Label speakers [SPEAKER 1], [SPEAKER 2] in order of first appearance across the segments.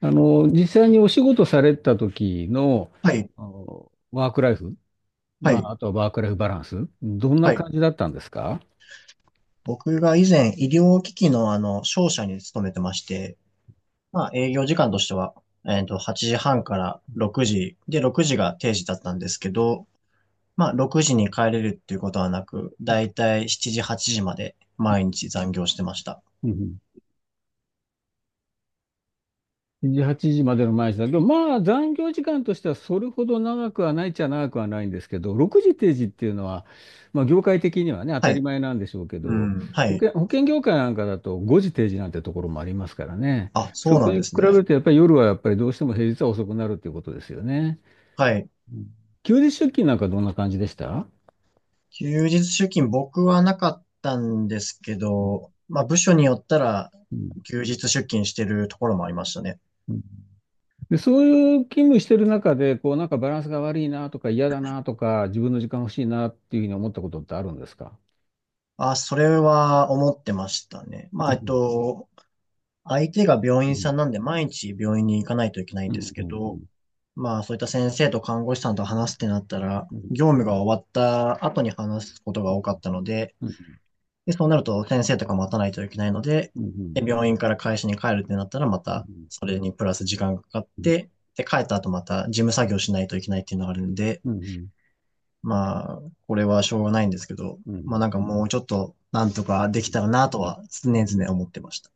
[SPEAKER 1] 実際にお仕事された時の、
[SPEAKER 2] はい、
[SPEAKER 1] ワークライフ、
[SPEAKER 2] は
[SPEAKER 1] まあ、
[SPEAKER 2] い、
[SPEAKER 1] あとはワークライフバランス、どんな
[SPEAKER 2] はい。
[SPEAKER 1] 感じだったんですか？
[SPEAKER 2] 僕が以前医療機器の商社に勤めてまして、まあ営業時間としては、8時半から6時、で、6時が定時だったんですけど、まあ6時に帰れるっていうことはなく、だいたい7時、8時まで毎日残業してました。
[SPEAKER 1] うんうん。7時、8時までの毎日だけど、まあ、残業時間としてはそれほど長くはないっちゃ長くはないんですけど、6時定時っていうのは、まあ、業界的にはね、当
[SPEAKER 2] は
[SPEAKER 1] たり
[SPEAKER 2] い。
[SPEAKER 1] 前なんでしょうけ
[SPEAKER 2] う
[SPEAKER 1] ど、
[SPEAKER 2] ん、は
[SPEAKER 1] 保
[SPEAKER 2] い。
[SPEAKER 1] 険、保険業界なんかだと5時定時なんてところもありますからね。
[SPEAKER 2] あ、そ
[SPEAKER 1] そ
[SPEAKER 2] う
[SPEAKER 1] こ
[SPEAKER 2] なん
[SPEAKER 1] に
[SPEAKER 2] で
[SPEAKER 1] 比
[SPEAKER 2] す
[SPEAKER 1] べる
[SPEAKER 2] ね。
[SPEAKER 1] と、やっぱり夜はやっぱりどうしても平日は遅くなるっていうことですよね。
[SPEAKER 2] はい。
[SPEAKER 1] うん。休日出勤なんかどんな感じでした？う
[SPEAKER 2] 休日出勤僕はなかったんですけど、まあ部署によったら
[SPEAKER 1] ん
[SPEAKER 2] 休日出勤してるところもありましたね。
[SPEAKER 1] うん。で、そういう勤務してる中で、こう、なんかバランスが悪いなとか嫌だなとか、自分の時間欲しいなっていうふうに思ったことってあるんですか？
[SPEAKER 2] あ、それは思ってましたね。
[SPEAKER 1] うん、
[SPEAKER 2] 相手が病
[SPEAKER 1] う
[SPEAKER 2] 院さん
[SPEAKER 1] ん、
[SPEAKER 2] なんで毎日病院に行かないといけないん
[SPEAKER 1] うん、
[SPEAKER 2] です
[SPEAKER 1] う
[SPEAKER 2] け
[SPEAKER 1] ん、う
[SPEAKER 2] ど、
[SPEAKER 1] ん、
[SPEAKER 2] まあ、そういった先生と看護師さんと話すってなったら、
[SPEAKER 1] うん、
[SPEAKER 2] 業務が終わった後に話すことが多かったので、
[SPEAKER 1] うん、
[SPEAKER 2] で、そうなると先生とか待たないといけないので、
[SPEAKER 1] うん、うん、
[SPEAKER 2] で、病院から会社に帰るってなったら、ま
[SPEAKER 1] う
[SPEAKER 2] たそれにプラス時間がかかって、で、帰った後また事務作業しないといけないっていうのがあるんで、
[SPEAKER 1] ん、
[SPEAKER 2] まあ、これはしょうがないんですけど、
[SPEAKER 1] う
[SPEAKER 2] まあ
[SPEAKER 1] ん、
[SPEAKER 2] なんかもうちょっとなんとかできたらなとは常
[SPEAKER 1] うん。
[SPEAKER 2] 々思ってました。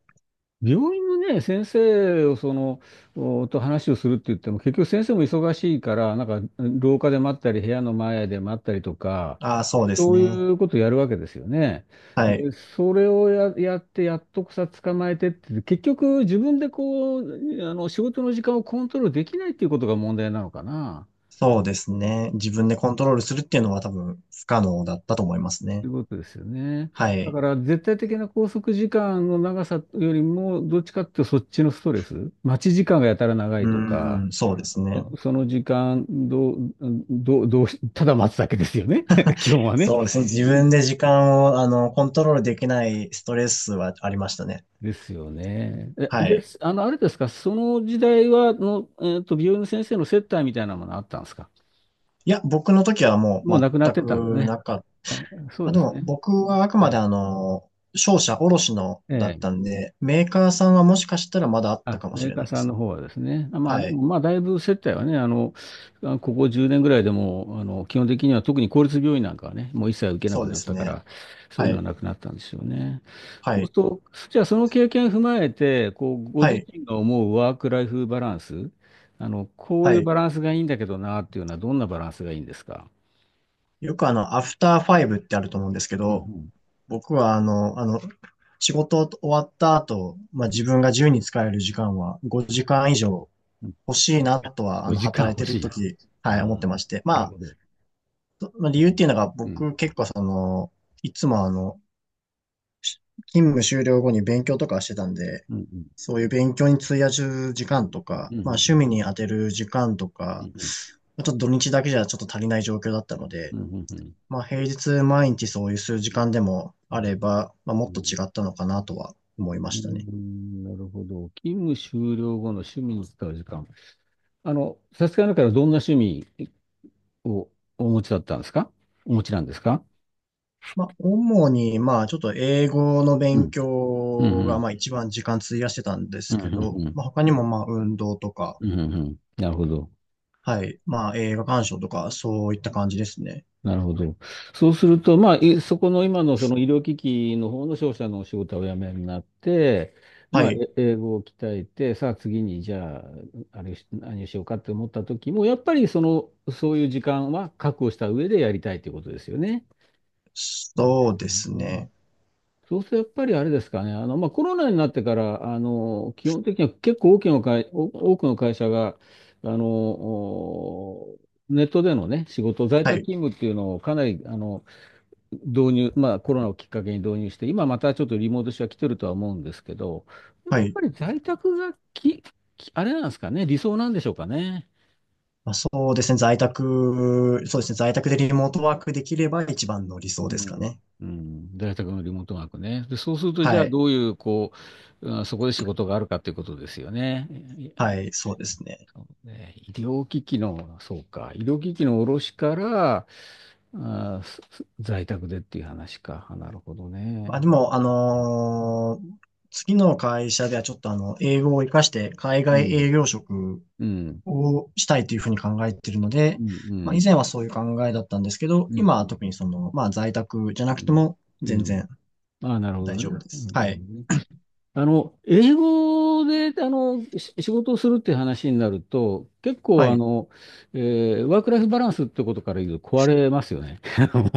[SPEAKER 1] 病院のね、先生をその、と話をするって言っても、結局先生も忙しいから、なんか廊下で待ったり、部屋の前で待ったりとか、
[SPEAKER 2] ああ、そうです
[SPEAKER 1] そう
[SPEAKER 2] ね。
[SPEAKER 1] いうことやるわけですよね。
[SPEAKER 2] はい。
[SPEAKER 1] で、それをやって、やっとさ、捕まえてって、結局自分でこう、仕事の時間をコントロールできないっていうことが問題なのかな、
[SPEAKER 2] そうですね。自分でコントロールするっていうのは多分不可能だったと思います
[SPEAKER 1] と
[SPEAKER 2] ね。
[SPEAKER 1] いうことですよね。
[SPEAKER 2] は
[SPEAKER 1] だ
[SPEAKER 2] い。
[SPEAKER 1] から、絶対的な拘束時間の長さよりも、どっちかっていうとそっちのストレス、待ち時間がやたら長
[SPEAKER 2] う
[SPEAKER 1] いとか、
[SPEAKER 2] ーん、そうですね。
[SPEAKER 1] その時間どうただ待つだけですよね、基本はね。
[SPEAKER 2] そうですね。自分で時間を、コントロールできないストレスはありましたね。
[SPEAKER 1] ですよね。え
[SPEAKER 2] は
[SPEAKER 1] で
[SPEAKER 2] い。
[SPEAKER 1] す、あの、あれですか、その時代は、の、えっと、病院の先生の接待みたいなものあったんですか？
[SPEAKER 2] いや、僕の時はも
[SPEAKER 1] もう
[SPEAKER 2] う
[SPEAKER 1] 亡くなっ
[SPEAKER 2] 全
[SPEAKER 1] てたんで
[SPEAKER 2] くな
[SPEAKER 1] ね。
[SPEAKER 2] かっ
[SPEAKER 1] あ、そ
[SPEAKER 2] ま
[SPEAKER 1] う
[SPEAKER 2] あ、
[SPEAKER 1] で
[SPEAKER 2] で
[SPEAKER 1] す
[SPEAKER 2] も
[SPEAKER 1] ね。
[SPEAKER 2] 僕はあく
[SPEAKER 1] え
[SPEAKER 2] まで
[SPEAKER 1] え。
[SPEAKER 2] 商社卸のだっ
[SPEAKER 1] ええ、
[SPEAKER 2] たんで、メーカーさんはもしかしたらまだあった
[SPEAKER 1] あ、
[SPEAKER 2] かも
[SPEAKER 1] メ
[SPEAKER 2] し
[SPEAKER 1] ー
[SPEAKER 2] れ
[SPEAKER 1] カ
[SPEAKER 2] な
[SPEAKER 1] ー
[SPEAKER 2] いで
[SPEAKER 1] さん
[SPEAKER 2] す
[SPEAKER 1] の
[SPEAKER 2] ね。
[SPEAKER 1] 方はですね。あ、まあ、で
[SPEAKER 2] は
[SPEAKER 1] も、
[SPEAKER 2] い。
[SPEAKER 1] まあ、だいぶ接待はね、あ、ここ10年ぐらいでも、基本的には特に公立病院なんかはね、もう一切受けな
[SPEAKER 2] そ
[SPEAKER 1] く
[SPEAKER 2] うで
[SPEAKER 1] なっ
[SPEAKER 2] す
[SPEAKER 1] たか
[SPEAKER 2] ね。
[SPEAKER 1] ら、そうい
[SPEAKER 2] は
[SPEAKER 1] うのは
[SPEAKER 2] い。
[SPEAKER 1] なくなったんですよね。
[SPEAKER 2] は
[SPEAKER 1] そうす
[SPEAKER 2] い。
[SPEAKER 1] ると、じゃあその経験を踏まえて、こう、ご
[SPEAKER 2] は
[SPEAKER 1] 自
[SPEAKER 2] い。
[SPEAKER 1] 身が思うワークライフバランス、こう
[SPEAKER 2] は
[SPEAKER 1] いう
[SPEAKER 2] い。
[SPEAKER 1] バランスがいいんだけどなっていうのはどんなバランスがいいんですか？
[SPEAKER 2] よくアフターファイブってあると思うんですけ
[SPEAKER 1] うん
[SPEAKER 2] ど、
[SPEAKER 1] う
[SPEAKER 2] 僕は仕事終わった後、まあ、自分が自由に使える時間は5時間以上
[SPEAKER 1] んうん。
[SPEAKER 2] 欲しいな
[SPEAKER 1] あ、
[SPEAKER 2] とは、
[SPEAKER 1] 5時間
[SPEAKER 2] 働い
[SPEAKER 1] 欲
[SPEAKER 2] て
[SPEAKER 1] し
[SPEAKER 2] る
[SPEAKER 1] い。
[SPEAKER 2] 時、は
[SPEAKER 1] あ
[SPEAKER 2] い、思って
[SPEAKER 1] あ、
[SPEAKER 2] まして。ま
[SPEAKER 1] なる
[SPEAKER 2] あ、
[SPEAKER 1] ほど。
[SPEAKER 2] そまあ理由っていうのが
[SPEAKER 1] うん。
[SPEAKER 2] 僕結構その、いつも勤務終了後に勉強とかしてたんで、
[SPEAKER 1] うんうん。
[SPEAKER 2] そういう勉強に費やす時
[SPEAKER 1] う
[SPEAKER 2] 間
[SPEAKER 1] ん
[SPEAKER 2] とか、
[SPEAKER 1] うん
[SPEAKER 2] ま
[SPEAKER 1] う
[SPEAKER 2] あ趣
[SPEAKER 1] ん。
[SPEAKER 2] 味に当てる時間と
[SPEAKER 1] うん
[SPEAKER 2] か、
[SPEAKER 1] う
[SPEAKER 2] まあちょっと土日だけじゃちょっと足りない状況だったので、
[SPEAKER 1] んうん。
[SPEAKER 2] まあ平日毎日そういう数
[SPEAKER 1] う
[SPEAKER 2] 時
[SPEAKER 1] ん
[SPEAKER 2] 間でも
[SPEAKER 1] う
[SPEAKER 2] あ
[SPEAKER 1] ん
[SPEAKER 2] れば、まあも
[SPEAKER 1] う
[SPEAKER 2] っと
[SPEAKER 1] ん
[SPEAKER 2] 違ったのかなとは思いま
[SPEAKER 1] う
[SPEAKER 2] したね。
[SPEAKER 1] ん。なるほど。勤務終了後の趣味に使う時間。さすがなからどんな趣味をお持ちだったんですかお持ちなんですか
[SPEAKER 2] まあ主にまあちょっと英語の勉
[SPEAKER 1] うん
[SPEAKER 2] 強
[SPEAKER 1] う
[SPEAKER 2] が
[SPEAKER 1] ん。
[SPEAKER 2] まあ一番時間費やしてたんです
[SPEAKER 1] うんう
[SPEAKER 2] け
[SPEAKER 1] ん
[SPEAKER 2] ど、
[SPEAKER 1] うん。
[SPEAKER 2] まあ他にもまあ運動とか、
[SPEAKER 1] うんうんうんうん。なるほど。
[SPEAKER 2] はい、まあ映画鑑賞とかそういった感じですね。
[SPEAKER 1] なるほど。そうすると、まあ、そこの今のその医療機器の方の商社のお仕事をお辞めになって、
[SPEAKER 2] は
[SPEAKER 1] まあ、
[SPEAKER 2] い。
[SPEAKER 1] 英語を鍛えて、さあ次にじゃあ、あれし、何をしようかって思った時も、やっぱりその、そういう時間は確保した上でやりたいということですよね。
[SPEAKER 2] そうで
[SPEAKER 1] う
[SPEAKER 2] すね。
[SPEAKER 1] ん。そうするとやっぱりあれですかね、まあ、コロナになってから、基本的には結構大きな会、お多くの会社があのおネットでの、ね、仕事、在
[SPEAKER 2] は
[SPEAKER 1] 宅
[SPEAKER 2] い。
[SPEAKER 1] 勤務っていうのをかなり導入、まあ、コロナをきっかけに導入して、今またちょっとリモート化は来てるとは思うんですけど、やっ
[SPEAKER 2] はい。
[SPEAKER 1] ぱり在宅があれなんですかね、理想なんでしょうかね。
[SPEAKER 2] まあ、そうですね。在宅、そうですね。在宅でリモートワークできれば一番の理想
[SPEAKER 1] う
[SPEAKER 2] ですか
[SPEAKER 1] ん、
[SPEAKER 2] ね。
[SPEAKER 1] うん、在宅のリモートワークね。で、そうすると、じゃ
[SPEAKER 2] は
[SPEAKER 1] あ
[SPEAKER 2] い。
[SPEAKER 1] どういう、こう、うん、そこで仕事があるかということですよね。
[SPEAKER 2] はい。そうですね。
[SPEAKER 1] ね、医療機器の、そうか、医療機器の卸から、在宅でっていう話か。あ、なるほど
[SPEAKER 2] まあ、で
[SPEAKER 1] ね。
[SPEAKER 2] も、あ
[SPEAKER 1] う
[SPEAKER 2] のー次の会社ではちょっと英語を活かして海
[SPEAKER 1] ん、
[SPEAKER 2] 外営業職
[SPEAKER 1] うん、うん、
[SPEAKER 2] をしたいというふうに考えているので、
[SPEAKER 1] う
[SPEAKER 2] まあ、以
[SPEAKER 1] ん、
[SPEAKER 2] 前はそういう考えだったんですけど、
[SPEAKER 1] うん、うん、
[SPEAKER 2] 今は特にその、まあ、在宅じゃ
[SPEAKER 1] う
[SPEAKER 2] なくて
[SPEAKER 1] ん。
[SPEAKER 2] も
[SPEAKER 1] う
[SPEAKER 2] 全
[SPEAKER 1] ん、
[SPEAKER 2] 然
[SPEAKER 1] ああ、なるほ
[SPEAKER 2] 大
[SPEAKER 1] ど
[SPEAKER 2] 丈
[SPEAKER 1] ね。
[SPEAKER 2] 夫で
[SPEAKER 1] う
[SPEAKER 2] す。
[SPEAKER 1] ん、
[SPEAKER 2] は
[SPEAKER 1] なるほ
[SPEAKER 2] い。
[SPEAKER 1] どね。英語で、仕事をするっていう話になると、結
[SPEAKER 2] は
[SPEAKER 1] 構、
[SPEAKER 2] い。
[SPEAKER 1] えワークライフバランスってことから言うと壊れますよね。あの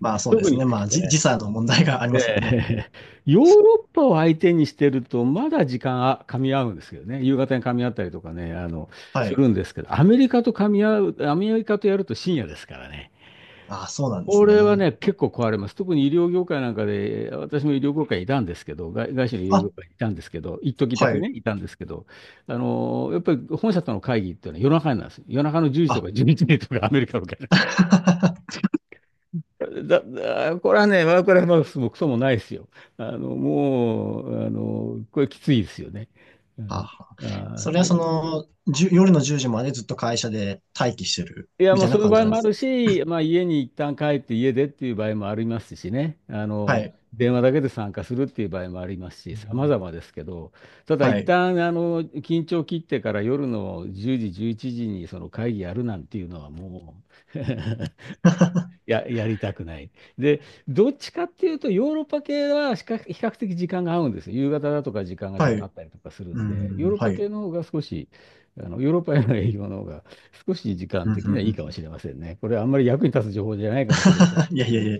[SPEAKER 2] まあ、そうで
[SPEAKER 1] 特
[SPEAKER 2] す
[SPEAKER 1] に、
[SPEAKER 2] ね。まあ、じ時差の問題があ
[SPEAKER 1] ええ、
[SPEAKER 2] りますもんね。
[SPEAKER 1] ヨーロッパを相手にしてると、まだ時間が噛み合うんですけどね、夕方に噛み合ったりとかね、
[SPEAKER 2] は
[SPEAKER 1] す
[SPEAKER 2] い。
[SPEAKER 1] るんですけど、アメリカとやると深夜ですからね。
[SPEAKER 2] あ、そうなんで
[SPEAKER 1] こ
[SPEAKER 2] す
[SPEAKER 1] れは
[SPEAKER 2] ね。
[SPEAKER 1] ね、結構壊れます。特に医療業界なんかで、私も医療業界にいたんですけど、外資の医療業
[SPEAKER 2] あ、
[SPEAKER 1] 界にいたんですけど、一時だ
[SPEAKER 2] は
[SPEAKER 1] け
[SPEAKER 2] い。
[SPEAKER 1] ね、いたんですけど、やっぱり本社との会議っていうのは夜中になんですよ。夜中の10時と
[SPEAKER 2] あ、
[SPEAKER 1] か11時とかアメリカの会議。これはね、ワークライフバランスもクソもないですよ。もう、これきついですよね。う
[SPEAKER 2] は
[SPEAKER 1] ん、
[SPEAKER 2] は。
[SPEAKER 1] あ
[SPEAKER 2] それはそ
[SPEAKER 1] ー、
[SPEAKER 2] の、じゅ、夜の10時までずっと会社で待機してる
[SPEAKER 1] いや、
[SPEAKER 2] み
[SPEAKER 1] も
[SPEAKER 2] た
[SPEAKER 1] う
[SPEAKER 2] いな
[SPEAKER 1] そういう
[SPEAKER 2] 感
[SPEAKER 1] 場
[SPEAKER 2] じ
[SPEAKER 1] 合
[SPEAKER 2] なん
[SPEAKER 1] も
[SPEAKER 2] で
[SPEAKER 1] あ
[SPEAKER 2] す。
[SPEAKER 1] るし、まあ、家に一旦帰って家でっていう場合もありますしね。
[SPEAKER 2] はい。
[SPEAKER 1] 電話だけで参加するっていう場合もありますし、
[SPEAKER 2] う
[SPEAKER 1] 様
[SPEAKER 2] ん、
[SPEAKER 1] 々ですけど、ただ
[SPEAKER 2] は
[SPEAKER 1] 一
[SPEAKER 2] い。
[SPEAKER 1] 旦、緊張切ってから夜の10時、11時にその会議やるなんていうのはもう やりたくない。で、どっちかっていうと、ヨーロッパ系は比較的時間が合うんですよ。夕方だとか時間がちょ
[SPEAKER 2] は
[SPEAKER 1] っとあ
[SPEAKER 2] い。
[SPEAKER 1] ったりとかする
[SPEAKER 2] う
[SPEAKER 1] んで、ヨー
[SPEAKER 2] ん、
[SPEAKER 1] ロッ
[SPEAKER 2] は
[SPEAKER 1] パ
[SPEAKER 2] い。
[SPEAKER 1] 系 の方が少し、あの、ヨーロッパへの営業の方が少し時
[SPEAKER 2] う
[SPEAKER 1] 間
[SPEAKER 2] ん、う
[SPEAKER 1] 的
[SPEAKER 2] ん、
[SPEAKER 1] にはいいかも
[SPEAKER 2] う
[SPEAKER 1] しれませんね。これあんまり役に立つ情報じゃないかもしれません。
[SPEAKER 2] ん いやいやいや。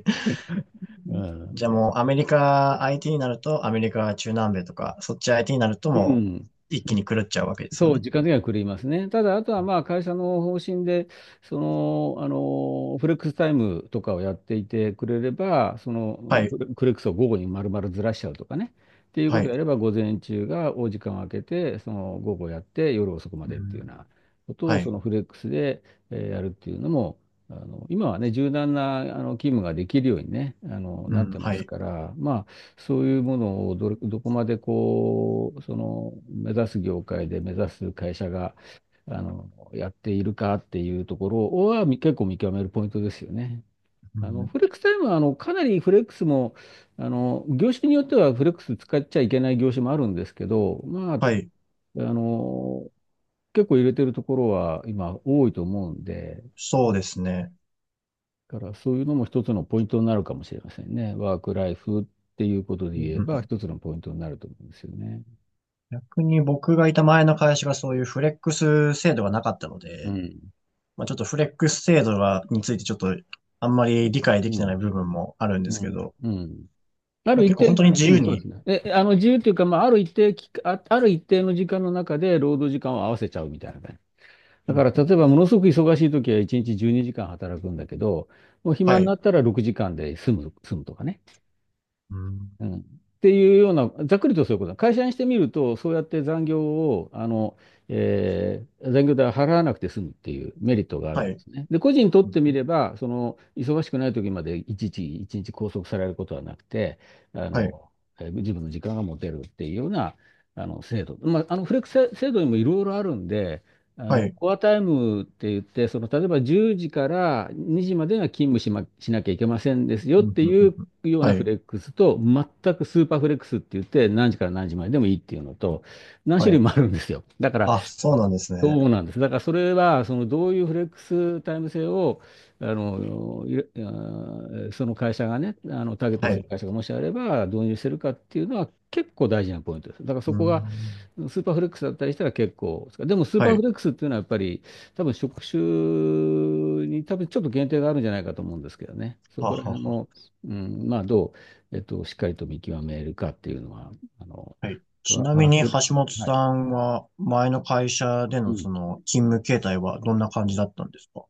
[SPEAKER 1] うん。
[SPEAKER 2] じゃあもうアメリカ IT になると、アメリカ中南米とか、そっち IT になると
[SPEAKER 1] う
[SPEAKER 2] も
[SPEAKER 1] ん。
[SPEAKER 2] う一気に狂っちゃうわけですよ
[SPEAKER 1] そう、
[SPEAKER 2] ね。
[SPEAKER 1] 時間的には狂いますね。ただ、あとはまあ会社の方針で、その、フレックスタイムとかをやっていてくれれば、そ
[SPEAKER 2] は
[SPEAKER 1] の、フ
[SPEAKER 2] い。
[SPEAKER 1] レフレックスを午後に丸々ずらしちゃうとかね、っていうこ
[SPEAKER 2] は
[SPEAKER 1] とを
[SPEAKER 2] い。
[SPEAKER 1] やれば、午前中がお時間を空けて、その午後やって、夜遅くま
[SPEAKER 2] う
[SPEAKER 1] でっていう
[SPEAKER 2] ん、
[SPEAKER 1] ようなこと
[SPEAKER 2] は
[SPEAKER 1] を、そ
[SPEAKER 2] い。
[SPEAKER 1] のフレックスで、やるっていうのも、今はね、柔軟な勤務ができるようにね、
[SPEAKER 2] う
[SPEAKER 1] なって
[SPEAKER 2] ん、
[SPEAKER 1] ま
[SPEAKER 2] は
[SPEAKER 1] す
[SPEAKER 2] い。
[SPEAKER 1] から、まあ、そういうものをどこまでこう、その目指す業界で目指す会社が、やっているかっていうところは結構見極めるポイントですよね。
[SPEAKER 2] うん、
[SPEAKER 1] フレックスタイムは、かなりフレックスも、業種によってはフレックス使っちゃいけない業種もあるんですけど、まあ、
[SPEAKER 2] はい。
[SPEAKER 1] あの、結構入れてるところは今多いと思うんで、
[SPEAKER 2] そうですね。
[SPEAKER 1] だからそういうのも一つのポイントになるかもしれませんね。ワークライフっていうことで言えば一つのポイントになると思うんですよね。
[SPEAKER 2] 逆に僕がいた前の会社がそういうフレックス制度がなかったの
[SPEAKER 1] う
[SPEAKER 2] で、
[SPEAKER 1] ん、
[SPEAKER 2] まあ、ちょっとフレックス制度がについてちょっとあんまり理解で
[SPEAKER 1] う
[SPEAKER 2] きてない
[SPEAKER 1] ん、
[SPEAKER 2] 部分もあるんで
[SPEAKER 1] う
[SPEAKER 2] すけ
[SPEAKER 1] ん、
[SPEAKER 2] ど、
[SPEAKER 1] うん。あ
[SPEAKER 2] まあ
[SPEAKER 1] る一
[SPEAKER 2] 結構本
[SPEAKER 1] 定、
[SPEAKER 2] 当に自
[SPEAKER 1] う
[SPEAKER 2] 由
[SPEAKER 1] ん、そうで
[SPEAKER 2] に、
[SPEAKER 1] すね。え、あの、自由というか、まあ、ある一定期間、あ、ある一定の時間の中で労働時間を合わせちゃうみたいな感じ。
[SPEAKER 2] う
[SPEAKER 1] だか
[SPEAKER 2] ん、
[SPEAKER 1] ら、例えば、ものすごく忙しい時は1日12時間働くんだけど、もう暇
[SPEAKER 2] は
[SPEAKER 1] にな
[SPEAKER 2] い、
[SPEAKER 1] ったら6時間で済むとかね。
[SPEAKER 2] うん、
[SPEAKER 1] うん。っていうような、ざっくりとそういうことだ。会社にしてみると、そうやって残業を、えー残業代を払わなくて済むっていうメリットがあるん
[SPEAKER 2] は
[SPEAKER 1] で
[SPEAKER 2] い、
[SPEAKER 1] すね。で、個人にと
[SPEAKER 2] う
[SPEAKER 1] ってみ
[SPEAKER 2] ん
[SPEAKER 1] れば、その、忙しくない時までいちいち、一日拘束されることはなくて、あ
[SPEAKER 2] はい、
[SPEAKER 1] の、自分の時間が持てるっていうような、あの、制度。まあ、あの、フレックス制度にもいろいろあるんで、あ
[SPEAKER 2] は
[SPEAKER 1] の、
[SPEAKER 2] い、
[SPEAKER 1] コアタイムって言って、その、例えば10時から2時までが勤務しま、しなきゃいけませんですよ
[SPEAKER 2] う
[SPEAKER 1] っ
[SPEAKER 2] ん、うん
[SPEAKER 1] て
[SPEAKER 2] う
[SPEAKER 1] い
[SPEAKER 2] ん
[SPEAKER 1] う
[SPEAKER 2] うん
[SPEAKER 1] ような
[SPEAKER 2] は
[SPEAKER 1] フ
[SPEAKER 2] い、
[SPEAKER 1] レックスと、全くスーパーフレックスって言って、何時から何時まででもいいっていうのと、何
[SPEAKER 2] は
[SPEAKER 1] 種類
[SPEAKER 2] い。
[SPEAKER 1] もあるんですよ。だから、
[SPEAKER 2] あ、そうなんですね。
[SPEAKER 1] そうなんです。だからそれは、そのどういうフレックスタイム制を、あの、いれあーその会社がね、あの、ターゲット
[SPEAKER 2] は
[SPEAKER 1] する
[SPEAKER 2] い、
[SPEAKER 1] 会社がもしあれば導入してるかっていうのは結構大事なポイントです。だからそ
[SPEAKER 2] う
[SPEAKER 1] こが
[SPEAKER 2] ん、
[SPEAKER 1] スーパーフレックスだったりしたら結構、でもスー
[SPEAKER 2] は
[SPEAKER 1] パーフ
[SPEAKER 2] い、
[SPEAKER 1] レックスっていうのはやっぱり多分職種にちょっと限定があるんじゃないかと思うんですけどね。そ
[SPEAKER 2] は
[SPEAKER 1] こら
[SPEAKER 2] は
[SPEAKER 1] 辺
[SPEAKER 2] は。
[SPEAKER 1] の、うん、まあどう、えっと、しっかりと見極めるかっていうのは、あの、
[SPEAKER 2] はい。ち
[SPEAKER 1] ワ
[SPEAKER 2] なみ
[SPEAKER 1] ワー
[SPEAKER 2] に
[SPEAKER 1] ク、
[SPEAKER 2] 橋本
[SPEAKER 1] は
[SPEAKER 2] さ
[SPEAKER 1] い。
[SPEAKER 2] んは前の会社で
[SPEAKER 1] う
[SPEAKER 2] の
[SPEAKER 1] ん、
[SPEAKER 2] その勤務形態はどんな感じだったんですか？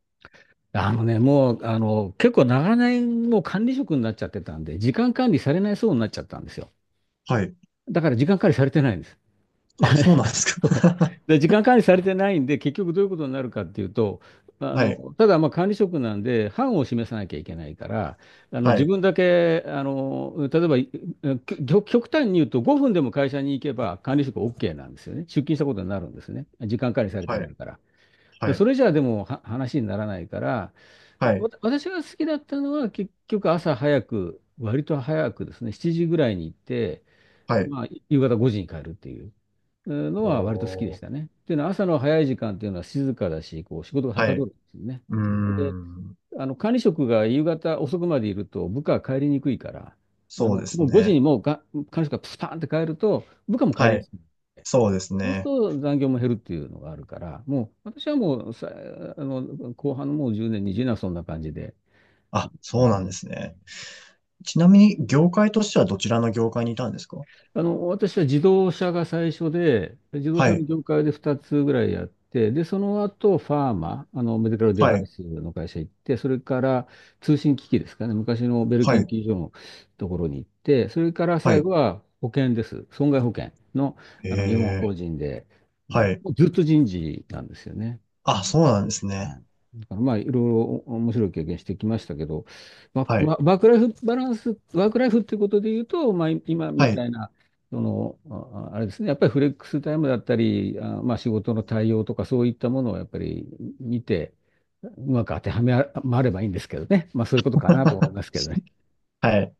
[SPEAKER 1] あのね、もう、あの、結構長年もう管理職になっちゃってたんで、時間管理されないそうになっちゃったんですよ。
[SPEAKER 2] はい。
[SPEAKER 1] だから時間管理されてないんです。
[SPEAKER 2] あ、そうなんです
[SPEAKER 1] そう
[SPEAKER 2] か。
[SPEAKER 1] で、時間管理されてないんで、結局どういうことになるかっていうと、あ
[SPEAKER 2] はい、
[SPEAKER 1] の、ただまあ管理職なんで、範を示さなきゃいけないから、あの、
[SPEAKER 2] は
[SPEAKER 1] 自
[SPEAKER 2] い、
[SPEAKER 1] 分だけ、あの、例えば、いきょ極端に言うと5分でも会社に行けば管理職 OK なんですよね。出勤したことになるんですね。時間管理されて
[SPEAKER 2] は
[SPEAKER 1] ない
[SPEAKER 2] い、
[SPEAKER 1] から。
[SPEAKER 2] は
[SPEAKER 1] でそ
[SPEAKER 2] い、
[SPEAKER 1] れじゃあでもは話にならないから、
[SPEAKER 2] はい、
[SPEAKER 1] 私が好きだったのは結局朝早く、割と早くですね、7時ぐらいに行って、
[SPEAKER 2] はい。
[SPEAKER 1] まあ、夕方5時に帰るっていううんのは割と好きで
[SPEAKER 2] お
[SPEAKER 1] した
[SPEAKER 2] ー、
[SPEAKER 1] ね。っていうのは朝の早い時間っていうのは静かだし、こう仕事がは
[SPEAKER 2] は
[SPEAKER 1] かど
[SPEAKER 2] い。
[SPEAKER 1] るんですよね。
[SPEAKER 2] うー
[SPEAKER 1] で、
[SPEAKER 2] ん、
[SPEAKER 1] あの管理職が夕方遅くまでいると部下は帰りにくいから、あ
[SPEAKER 2] そうで
[SPEAKER 1] の
[SPEAKER 2] す
[SPEAKER 1] もう5時に
[SPEAKER 2] ね。
[SPEAKER 1] もうが管理職がスパーンって帰ると部下も帰
[SPEAKER 2] は
[SPEAKER 1] りや
[SPEAKER 2] い、
[SPEAKER 1] すい。
[SPEAKER 2] そうです
[SPEAKER 1] そうする
[SPEAKER 2] ね。
[SPEAKER 1] と残業も減るっていうのがあるから、もう私はもうさ、あの、後半のもう10年、20年はそんな感じで。
[SPEAKER 2] あ、そうなんですね。ちなみに、業界としてはどちらの業界にいたんですか？
[SPEAKER 1] あの、私は自動車が最初で、自動
[SPEAKER 2] は
[SPEAKER 1] 車の
[SPEAKER 2] い、
[SPEAKER 1] 業界で2つぐらいやって、で、その後、ファーマ、あの、メディカルデ
[SPEAKER 2] は
[SPEAKER 1] バイ
[SPEAKER 2] い、
[SPEAKER 1] スの会社行って、それから通信機器ですかね、昔のベル
[SPEAKER 2] は
[SPEAKER 1] 研
[SPEAKER 2] い、
[SPEAKER 1] 究所のところに行って、それから
[SPEAKER 2] は
[SPEAKER 1] 最
[SPEAKER 2] い。
[SPEAKER 1] 後は保険です。損害保険の、あの、日本
[SPEAKER 2] えー、
[SPEAKER 1] 法人で、うん、
[SPEAKER 2] はい。
[SPEAKER 1] もうずっと人事なんですよね。
[SPEAKER 2] あ、そうなんです
[SPEAKER 1] は
[SPEAKER 2] ね。
[SPEAKER 1] い、だからまあ、いろいろ面白い経験してきましたけど、まあ、
[SPEAKER 2] は
[SPEAKER 1] ま
[SPEAKER 2] い、
[SPEAKER 1] あワークライフバランス、ワークライフっていうことで言うと、まあ、今
[SPEAKER 2] は
[SPEAKER 1] みた
[SPEAKER 2] い、
[SPEAKER 1] いな、その、ああれですね、やっぱりフレックスタイムだったり、あ、まあ、仕事の対応とかそういったものをやっぱり見て、うまく当てはまればいいんですけどね。まあ、そういうことかなと思いますけどね。
[SPEAKER 2] はい。